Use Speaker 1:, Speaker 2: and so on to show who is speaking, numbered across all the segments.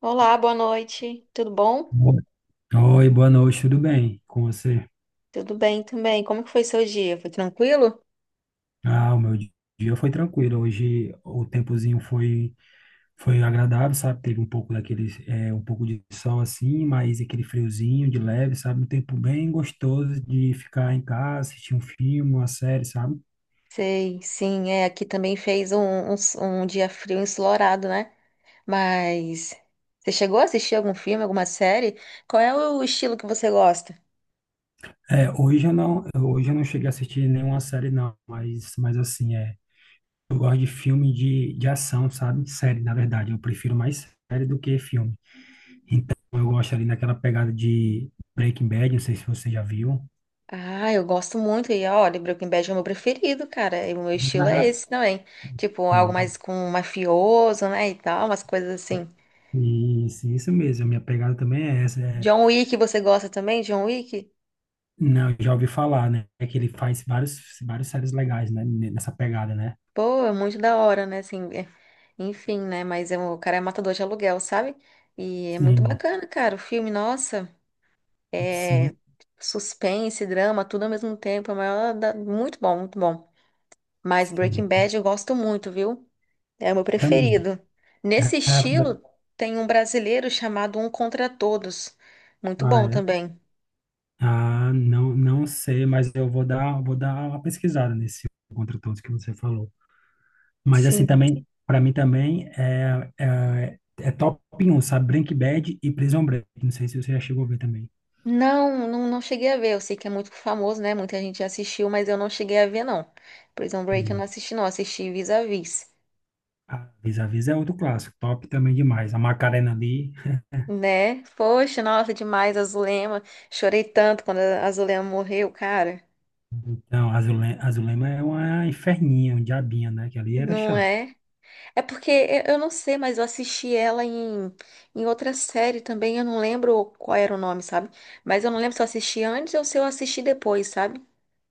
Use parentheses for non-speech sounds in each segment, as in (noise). Speaker 1: Olá, boa noite. Tudo bom?
Speaker 2: Oi, boa noite, tudo bem com você?
Speaker 1: Tudo bem também. Como que foi seu dia? Foi tranquilo?
Speaker 2: Ah, dia foi tranquilo. Hoje o tempozinho foi agradável, sabe? Teve um pouco daquele um pouco de sol assim, mas aquele friozinho de leve, sabe? Um tempo bem gostoso de ficar em casa, assistir um filme, uma série, sabe?
Speaker 1: Sei, sim, é, aqui também fez um, um dia frio ensolarado, né? Mas você chegou a assistir algum filme, alguma série? Qual é o estilo que você gosta?
Speaker 2: Hoje eu não cheguei a assistir nenhuma série não, mas assim. Eu gosto de filme de ação, sabe? Série, na verdade, eu prefiro mais série do que filme. Eu gosto ali daquela pegada de Breaking Bad, não sei se você já viu.
Speaker 1: Ah, eu gosto muito e olha, Breaking Bad é o meu preferido, cara. E o meu estilo é
Speaker 2: Ah,
Speaker 1: esse também. Tipo, algo
Speaker 2: pois,
Speaker 1: mais com mafioso, né, e tal, umas coisas assim.
Speaker 2: isso mesmo. A minha pegada também é essa.
Speaker 1: John Wick, você gosta também? John Wick?
Speaker 2: Não, eu já ouvi falar, né? É que ele faz vários séries legais, né? Nessa pegada, né?
Speaker 1: Pô, é muito da hora, né? Assim, enfim, né? Mas é o cara é matador de aluguel, sabe? E é muito
Speaker 2: Sim,
Speaker 1: bacana, cara. O filme, nossa,
Speaker 2: sim,
Speaker 1: é suspense, drama, tudo ao mesmo tempo. É o maior muito bom, muito bom. Mas
Speaker 2: sim.
Speaker 1: Breaking Bad eu gosto muito, viu? É o meu
Speaker 2: Também.
Speaker 1: preferido. Nesse
Speaker 2: Ah,
Speaker 1: estilo, tem um brasileiro chamado Um Contra Todos. Muito
Speaker 2: ah,
Speaker 1: bom
Speaker 2: é.
Speaker 1: também.
Speaker 2: Ah, não, não sei, mas vou dar uma pesquisada nesse contra todos que você falou. Mas assim
Speaker 1: Sim.
Speaker 2: também, para mim também é top 1, sabe? Breaking Bad e Prison Break. Não sei se você já chegou a ver também.
Speaker 1: Não, não, não cheguei a ver. Eu sei que é muito famoso, né? Muita gente já assistiu, mas eu não cheguei a ver, não. Prison
Speaker 2: E
Speaker 1: Break eu não assisti, não. Assisti Vis-a-Vis,
Speaker 2: a a Vis é outro clássico, top também demais. A Macarena ali,
Speaker 1: né? Poxa, nossa, demais, a Zulema. Chorei tanto quando a Zulema morreu, cara.
Speaker 2: então, a Azulema, Azulema é uma inferninha, um diabinho, né? Que ali era
Speaker 1: Não
Speaker 2: chato.
Speaker 1: é? É porque eu não sei, mas eu assisti ela em, em outra série também. Eu não lembro qual era o nome, sabe? Mas eu não lembro se eu assisti antes ou se eu assisti depois, sabe?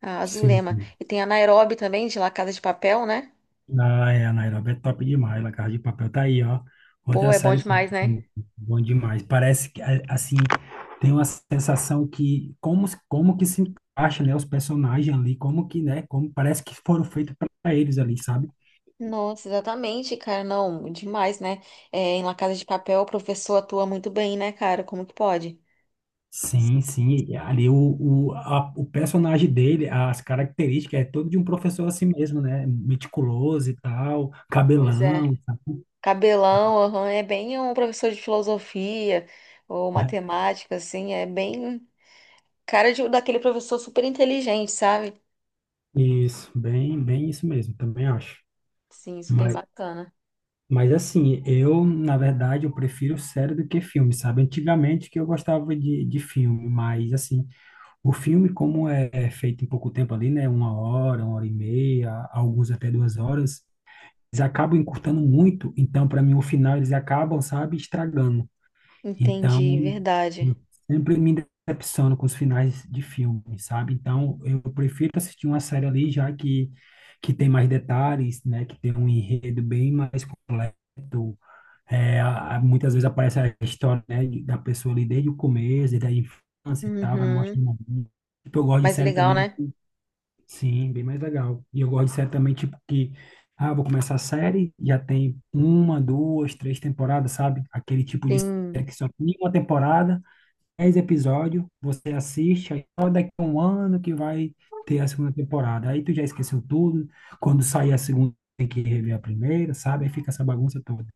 Speaker 1: A
Speaker 2: Sim.
Speaker 1: Zulema. E tem a Nairobi também, de La Casa de Papel, né?
Speaker 2: Ah, é, a Nairobi é top demais. La Casa de Papel tá aí, ó.
Speaker 1: Pô,
Speaker 2: Outra
Speaker 1: é bom
Speaker 2: série
Speaker 1: demais, né?
Speaker 2: bom demais. Parece que, assim, tem uma sensação que como que se encaixa, né, os personagens ali, como que, né, como parece que foram feitos para eles ali, sabe?
Speaker 1: Nossa, exatamente, cara. Não, demais, né? É, em La Casa de Papel, o professor atua muito bem, né, cara? Como que pode?
Speaker 2: Sim, sim. Ali o personagem dele, as características, é todo de um professor assim mesmo, né? Meticuloso e tal,
Speaker 1: Pois é.
Speaker 2: cabelão,
Speaker 1: Cabelão, aham, é bem um professor de filosofia ou
Speaker 2: sabe?
Speaker 1: matemática, assim, é bem cara de, daquele professor super inteligente, sabe?
Speaker 2: Isso, bem, bem isso mesmo, também acho.
Speaker 1: Sim, super
Speaker 2: mas
Speaker 1: bacana.
Speaker 2: Mas assim, eu, na verdade, eu prefiro série do que filme, sabe? Antigamente que eu gostava de filme, mas assim, o filme, como é feito em pouco tempo ali, né? Uma hora e meia, alguns até duas horas, eles acabam encurtando muito. Então, para mim, o final eles acabam, sabe, estragando.
Speaker 1: Entendi,
Speaker 2: Então,
Speaker 1: verdade.
Speaker 2: eu sempre me decepciono com os finais de filme, sabe? Então, eu prefiro assistir uma série ali, que tem mais detalhes, né? Que tem um enredo bem mais completo, muitas vezes aparece a história, né, da pessoa ali desde o começo, desde a infância e tal, vai
Speaker 1: Uhum.
Speaker 2: mostrando a vida. Tipo, eu gosto de
Speaker 1: Mas
Speaker 2: série
Speaker 1: legal,
Speaker 2: também,
Speaker 1: né?
Speaker 2: que- Sim, bem mais legal. E eu gosto de série também, tipo, que, ah, vou começar a série, já tem uma, duas, três temporadas, sabe? Aquele tipo de série
Speaker 1: Sim.
Speaker 2: que só tem uma temporada, dez episódios, você assiste, aí só daqui a um ano que vai ter a segunda temporada. Aí tu já esqueceu tudo, quando sair a segunda tem que rever a primeira, sabe? Aí fica essa bagunça toda.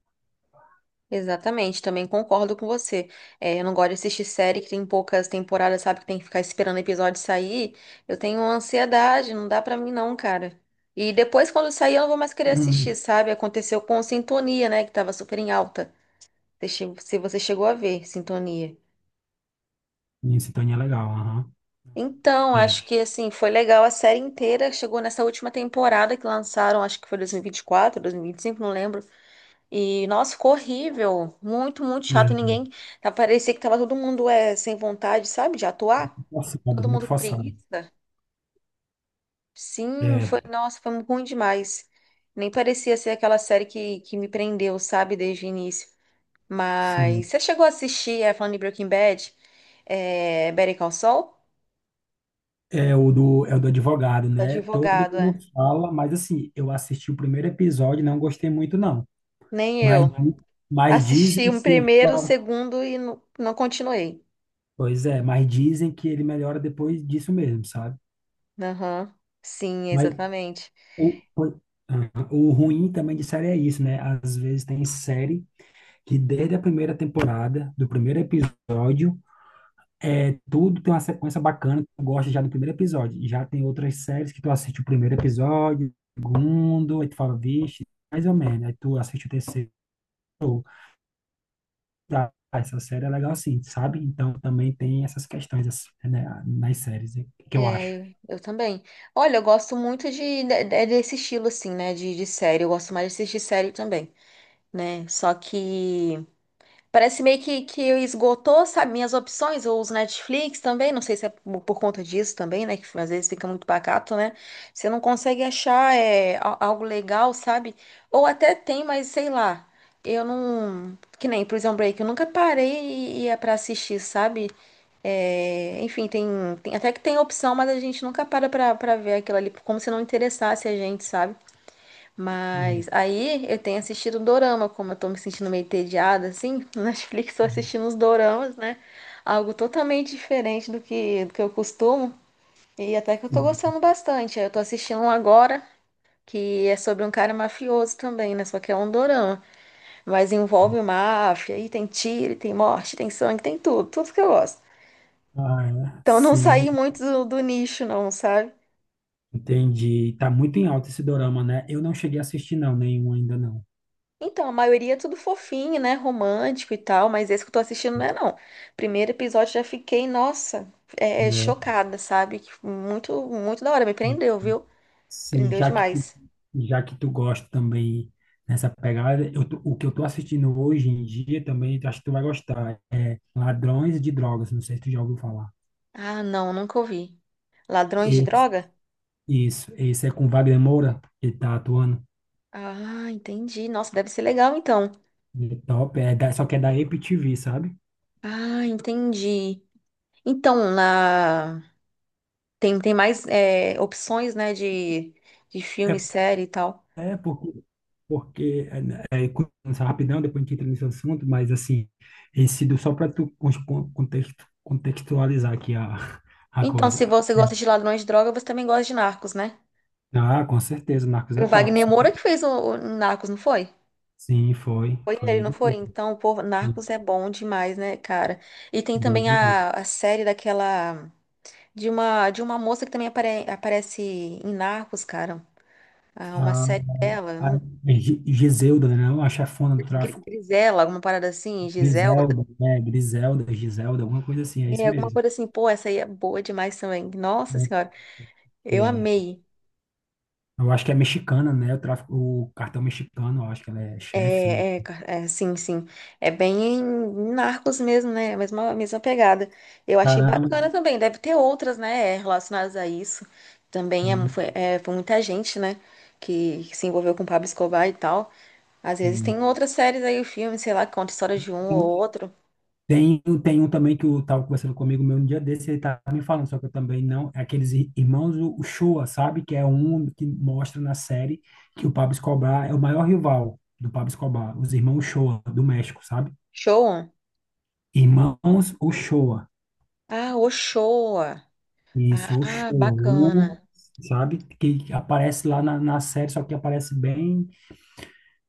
Speaker 1: Exatamente, também concordo com você. É, eu não gosto de assistir série que tem poucas temporadas, sabe? Que tem que ficar esperando o episódio sair. Eu tenho ansiedade, não dá pra mim não, cara. E depois, quando sair, eu não vou mais querer assistir,
Speaker 2: Hum.
Speaker 1: sabe? Aconteceu com Sintonia, né? Que tava super em alta. Você Se você chegou a ver, Sintonia.
Speaker 2: Minha sintonia é legal, aham.
Speaker 1: Então,
Speaker 2: É.
Speaker 1: acho que, assim, foi legal a série inteira. Chegou nessa última temporada que lançaram, acho que foi dois mil 2024, dois mil e vinte vinte quatro e 5 não lembro. E, nossa, ficou horrível. Muito, muito
Speaker 2: Né,
Speaker 1: chato. Ninguém. Parecia que tava todo mundo sem vontade, sabe, de atuar.
Speaker 2: forçado,
Speaker 1: Todo
Speaker 2: muito
Speaker 1: mundo com
Speaker 2: forçado.
Speaker 1: preguiça. Sim,
Speaker 2: É,
Speaker 1: foi. Nossa, foi ruim demais. Nem parecia ser aquela série que me prendeu, sabe, desde o início. Mas
Speaker 2: sim.
Speaker 1: você chegou a assistir, é, falando de Breaking Bad, é, Better Call Saul?
Speaker 2: É o do advogado,
Speaker 1: Do
Speaker 2: né? Todo
Speaker 1: Advogado, é.
Speaker 2: mundo fala, mas assim, eu assisti o primeiro episódio e não gostei muito, não.
Speaker 1: Nem
Speaker 2: Mas,
Speaker 1: eu.
Speaker 2: di- mas dizem
Speaker 1: Assisti um primeiro, o segundo e não continuei.
Speaker 2: pois é, mas dizem que ele melhora depois disso mesmo, sabe?
Speaker 1: Aham. Sim,
Speaker 2: Mas
Speaker 1: exatamente.
Speaker 2: o, o, o ruim também de série é isso, né? Às vezes tem série que desde a primeira temporada, do primeiro episódio, é, tudo tem uma sequência bacana, tu gosta já do primeiro episódio. Já tem outras séries que tu assiste o primeiro episódio, o segundo, aí tu fala, vixe, mais ou menos. Aí tu assiste o terceiro, tá, essa série é legal assim, sabe? Então também tem essas questões assim, né, nas séries, que eu acho.
Speaker 1: É, eu também. Olha, eu gosto muito desse estilo, assim, né? De série. Eu gosto mais de assistir série também, né? Só que. Parece meio que esgotou, sabe, minhas opções. Eu uso Netflix também, não sei se é por conta disso também, né? Que às vezes fica muito pacato, né? Você não consegue achar é, algo legal, sabe? Ou até tem, mas sei lá. Eu não. Que nem Prison Break, eu nunca parei e ia pra assistir, sabe? É, enfim, até que tem opção, mas a gente nunca para pra ver aquilo ali, como se não interessasse a gente, sabe?
Speaker 2: Hum,
Speaker 1: Mas aí eu tenho assistido dorama, como eu tô me sentindo meio entediada, assim, (laughs) no Netflix tô assistindo os doramas, né? Algo totalmente diferente do que eu costumo. E até que eu tô
Speaker 2: hum,
Speaker 1: gostando bastante. Eu tô assistindo um agora, que é sobre um cara mafioso também, né? Só que é um dorama. Mas
Speaker 2: hum.
Speaker 1: envolve máfia, e tem tiro, e tem morte, tem sangue, tem tudo, tudo que eu gosto.
Speaker 2: Ah, é.
Speaker 1: Então eu não
Speaker 2: Sim,
Speaker 1: saí muito do nicho, não, sabe?
Speaker 2: entendi. Tá muito em alta esse dorama, né? Eu não cheguei a assistir, não, nenhum ainda não.
Speaker 1: Então, a maioria é tudo fofinho, né? Romântico e tal, mas esse que eu tô assistindo não é, não. Primeiro episódio já fiquei, nossa, chocada, sabe? Que muito, muito da hora, me prendeu,
Speaker 2: É.
Speaker 1: viu?
Speaker 2: Sim,
Speaker 1: Prendeu demais.
Speaker 2: já que tu gosta também nessa pegada, o que eu tô assistindo hoje em dia também, acho que tu vai gostar, é Ladrões de Drogas, não sei se tu já ouviu falar.
Speaker 1: Ah, não, nunca ouvi. Ladrões de
Speaker 2: Esse-
Speaker 1: droga?
Speaker 2: isso, esse é com Wagner Moura, que tá atuando.
Speaker 1: Ah, entendi. Nossa, deve ser legal, então.
Speaker 2: Ele é top, é da, só que é da Apple TV, sabe?
Speaker 1: Ah, entendi. Então, na... tem, tem mais é, opções, né, de filme,
Speaker 2: É,
Speaker 1: série e tal.
Speaker 2: é porque, porque é, né, é, começa rapidão, depois a gente entra nesse assunto, mas assim, esse do, só para tu contexto, contextualizar aqui a
Speaker 1: Então, se
Speaker 2: coisa.
Speaker 1: você gosta de Ladrões de Droga, você também gosta de Narcos, né?
Speaker 2: Ah, com certeza, o Marcos é
Speaker 1: O
Speaker 2: top.
Speaker 1: Wagner Moura que fez o Narcos, não foi?
Speaker 2: Sim, foi,
Speaker 1: Foi
Speaker 2: foi
Speaker 1: ele, não
Speaker 2: ele.
Speaker 1: foi? Então, pô,
Speaker 2: Mesmo.
Speaker 1: Narcos é bom demais, né, cara? E tem
Speaker 2: Bom
Speaker 1: também
Speaker 2: demais.
Speaker 1: a série daquela. De uma moça que também aparece em Narcos, cara. Ah, uma
Speaker 2: A,
Speaker 1: série dela,
Speaker 2: a
Speaker 1: não,
Speaker 2: Gi- Giselda, né? Não, a chefona do tráfico.
Speaker 1: Grisela, alguma parada assim, Giselda.
Speaker 2: Griselda, né? Griselda, Giselda, alguma coisa assim, é
Speaker 1: É,
Speaker 2: isso
Speaker 1: alguma
Speaker 2: mesmo.
Speaker 1: coisa assim, pô, essa aí é boa demais também. Nossa
Speaker 2: Né?
Speaker 1: senhora, eu
Speaker 2: E é,
Speaker 1: amei.
Speaker 2: eu acho que é mexicana, né? O tráfico, o cartão mexicano, eu acho que ela é chefe, se eu não me
Speaker 1: É, é,
Speaker 2: engano.
Speaker 1: é, sim, sim. É bem em Narcos mesmo, né? É a mesma, a mesma pegada. Eu achei
Speaker 2: Caramba,
Speaker 1: bacana também. Deve ter outras, né, relacionadas a isso. Também é, foi, é, foi muita gente, né, que se envolveu com Pablo Escobar e tal. Às vezes
Speaker 2: sim,
Speaker 1: tem outras séries aí, filmes, sei lá, que conta a história de um ou
Speaker 2: sim.
Speaker 1: outro.
Speaker 2: Tem, tem um também que eu estava conversando comigo meu um dia desse, ele estava me falando, só que eu também não, é aqueles irmãos o Uchoa, sabe? Que é um que mostra na série que o Pablo Escobar é o maior rival do Pablo Escobar, os irmãos Uchoa do México, sabe?
Speaker 1: Show?
Speaker 2: Irmãos Uchoa,
Speaker 1: Ah, o Showa.
Speaker 2: isso,
Speaker 1: Ah,
Speaker 2: Uchoa, U,
Speaker 1: bacana.
Speaker 2: sabe? Que aparece lá na série, só que aparece bem,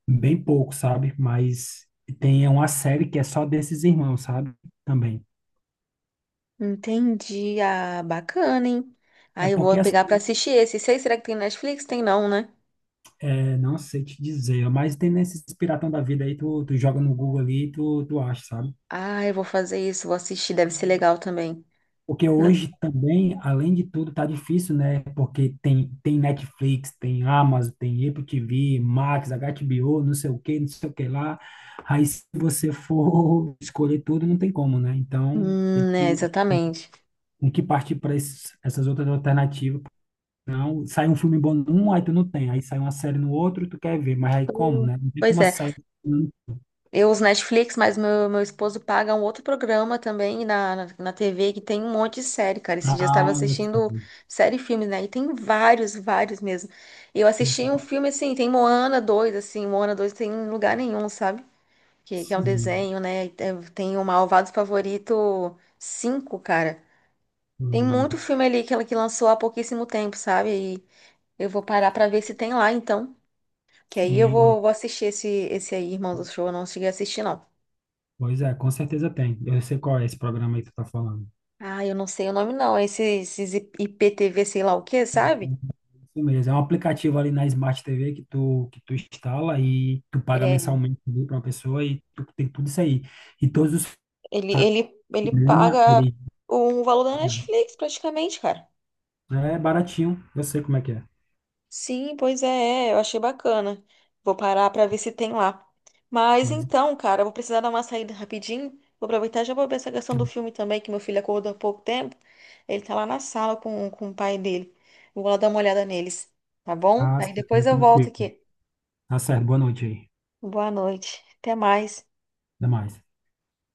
Speaker 2: bem pouco, sabe? Mas tem é uma série que é só desses irmãos, sabe? Também.
Speaker 1: Entendi. Ah, bacana, hein?
Speaker 2: É
Speaker 1: Aí eu
Speaker 2: porque
Speaker 1: vou
Speaker 2: assim,
Speaker 1: pegar pra assistir esse. Sei, será que tem Netflix? Tem não, né?
Speaker 2: é, não sei te dizer, mas tem nesses piratão da vida aí, tu joga no Google ali e tu acha, sabe?
Speaker 1: Ah, eu vou fazer isso, vou assistir, deve ser legal também.
Speaker 2: Porque
Speaker 1: Né?
Speaker 2: hoje também, além de tudo, tá difícil, né? Porque tem Netflix, tem Amazon, tem Apple TV, Max, HBO, não sei o que, não sei o que lá. Aí se você for (laughs) escolher tudo, não tem como, né?
Speaker 1: É, exatamente.
Speaker 2: Tem que partir para essas outras alternativas. Não, sai um filme bom num, aí tu não tem. Aí sai uma série no outro, tu quer ver, mas aí como, né? Não tem
Speaker 1: Pois
Speaker 2: como a
Speaker 1: é,
Speaker 2: série.
Speaker 1: eu uso Netflix, mas meu esposo paga um outro programa também na, na TV que tem um monte de série, cara. Esse dia eu estava
Speaker 2: Ah,
Speaker 1: assistindo série e filmes, né? E tem vários, vários mesmo. Eu assisti um filme assim, tem Moana 2, assim, Moana 2 tem em lugar nenhum, sabe? Que é um
Speaker 2: sim,
Speaker 1: desenho, né? E tem o Malvado Favorito 5, cara. Tem muito
Speaker 2: uhum.
Speaker 1: filme ali que ela que lançou há pouquíssimo tempo, sabe? Eu vou parar pra ver se tem lá, então. Que aí eu
Speaker 2: Sim, eu-
Speaker 1: vou, vou assistir esse, esse aí, Irmão do Show. Eu não cheguei a assistir, não.
Speaker 2: pois é, com certeza tem. Eu sei qual é esse programa aí que tu tá falando.
Speaker 1: Ah, eu não sei o nome, não. Esse, esses IPTV, sei lá o quê,
Speaker 2: É,
Speaker 1: sabe?
Speaker 2: isso mesmo, é um aplicativo ali na Smart TV que tu instala e tu paga
Speaker 1: É,
Speaker 2: mensalmente ali pra uma pessoa e tu tem tudo isso aí. E todos os sites, do
Speaker 1: ele
Speaker 2: programa,
Speaker 1: paga
Speaker 2: ele
Speaker 1: o valor da Netflix, praticamente, cara.
Speaker 2: é baratinho, eu sei como é que é.
Speaker 1: Sim, pois é, é, eu achei bacana. Vou parar pra ver se tem lá. Mas
Speaker 2: Pois, é.
Speaker 1: então, cara, eu vou precisar dar uma saída rapidinho. Vou aproveitar e já vou ver essa questão do filme também, que meu filho acordou há pouco tempo. Ele tá lá na sala com o pai dele. Eu vou lá dar uma olhada neles, tá bom?
Speaker 2: Ah,
Speaker 1: Aí
Speaker 2: sim,
Speaker 1: depois eu volto
Speaker 2: tranquilo.
Speaker 1: aqui.
Speaker 2: Tá certo, boa noite aí.
Speaker 1: Boa noite. Até mais.
Speaker 2: Até mais.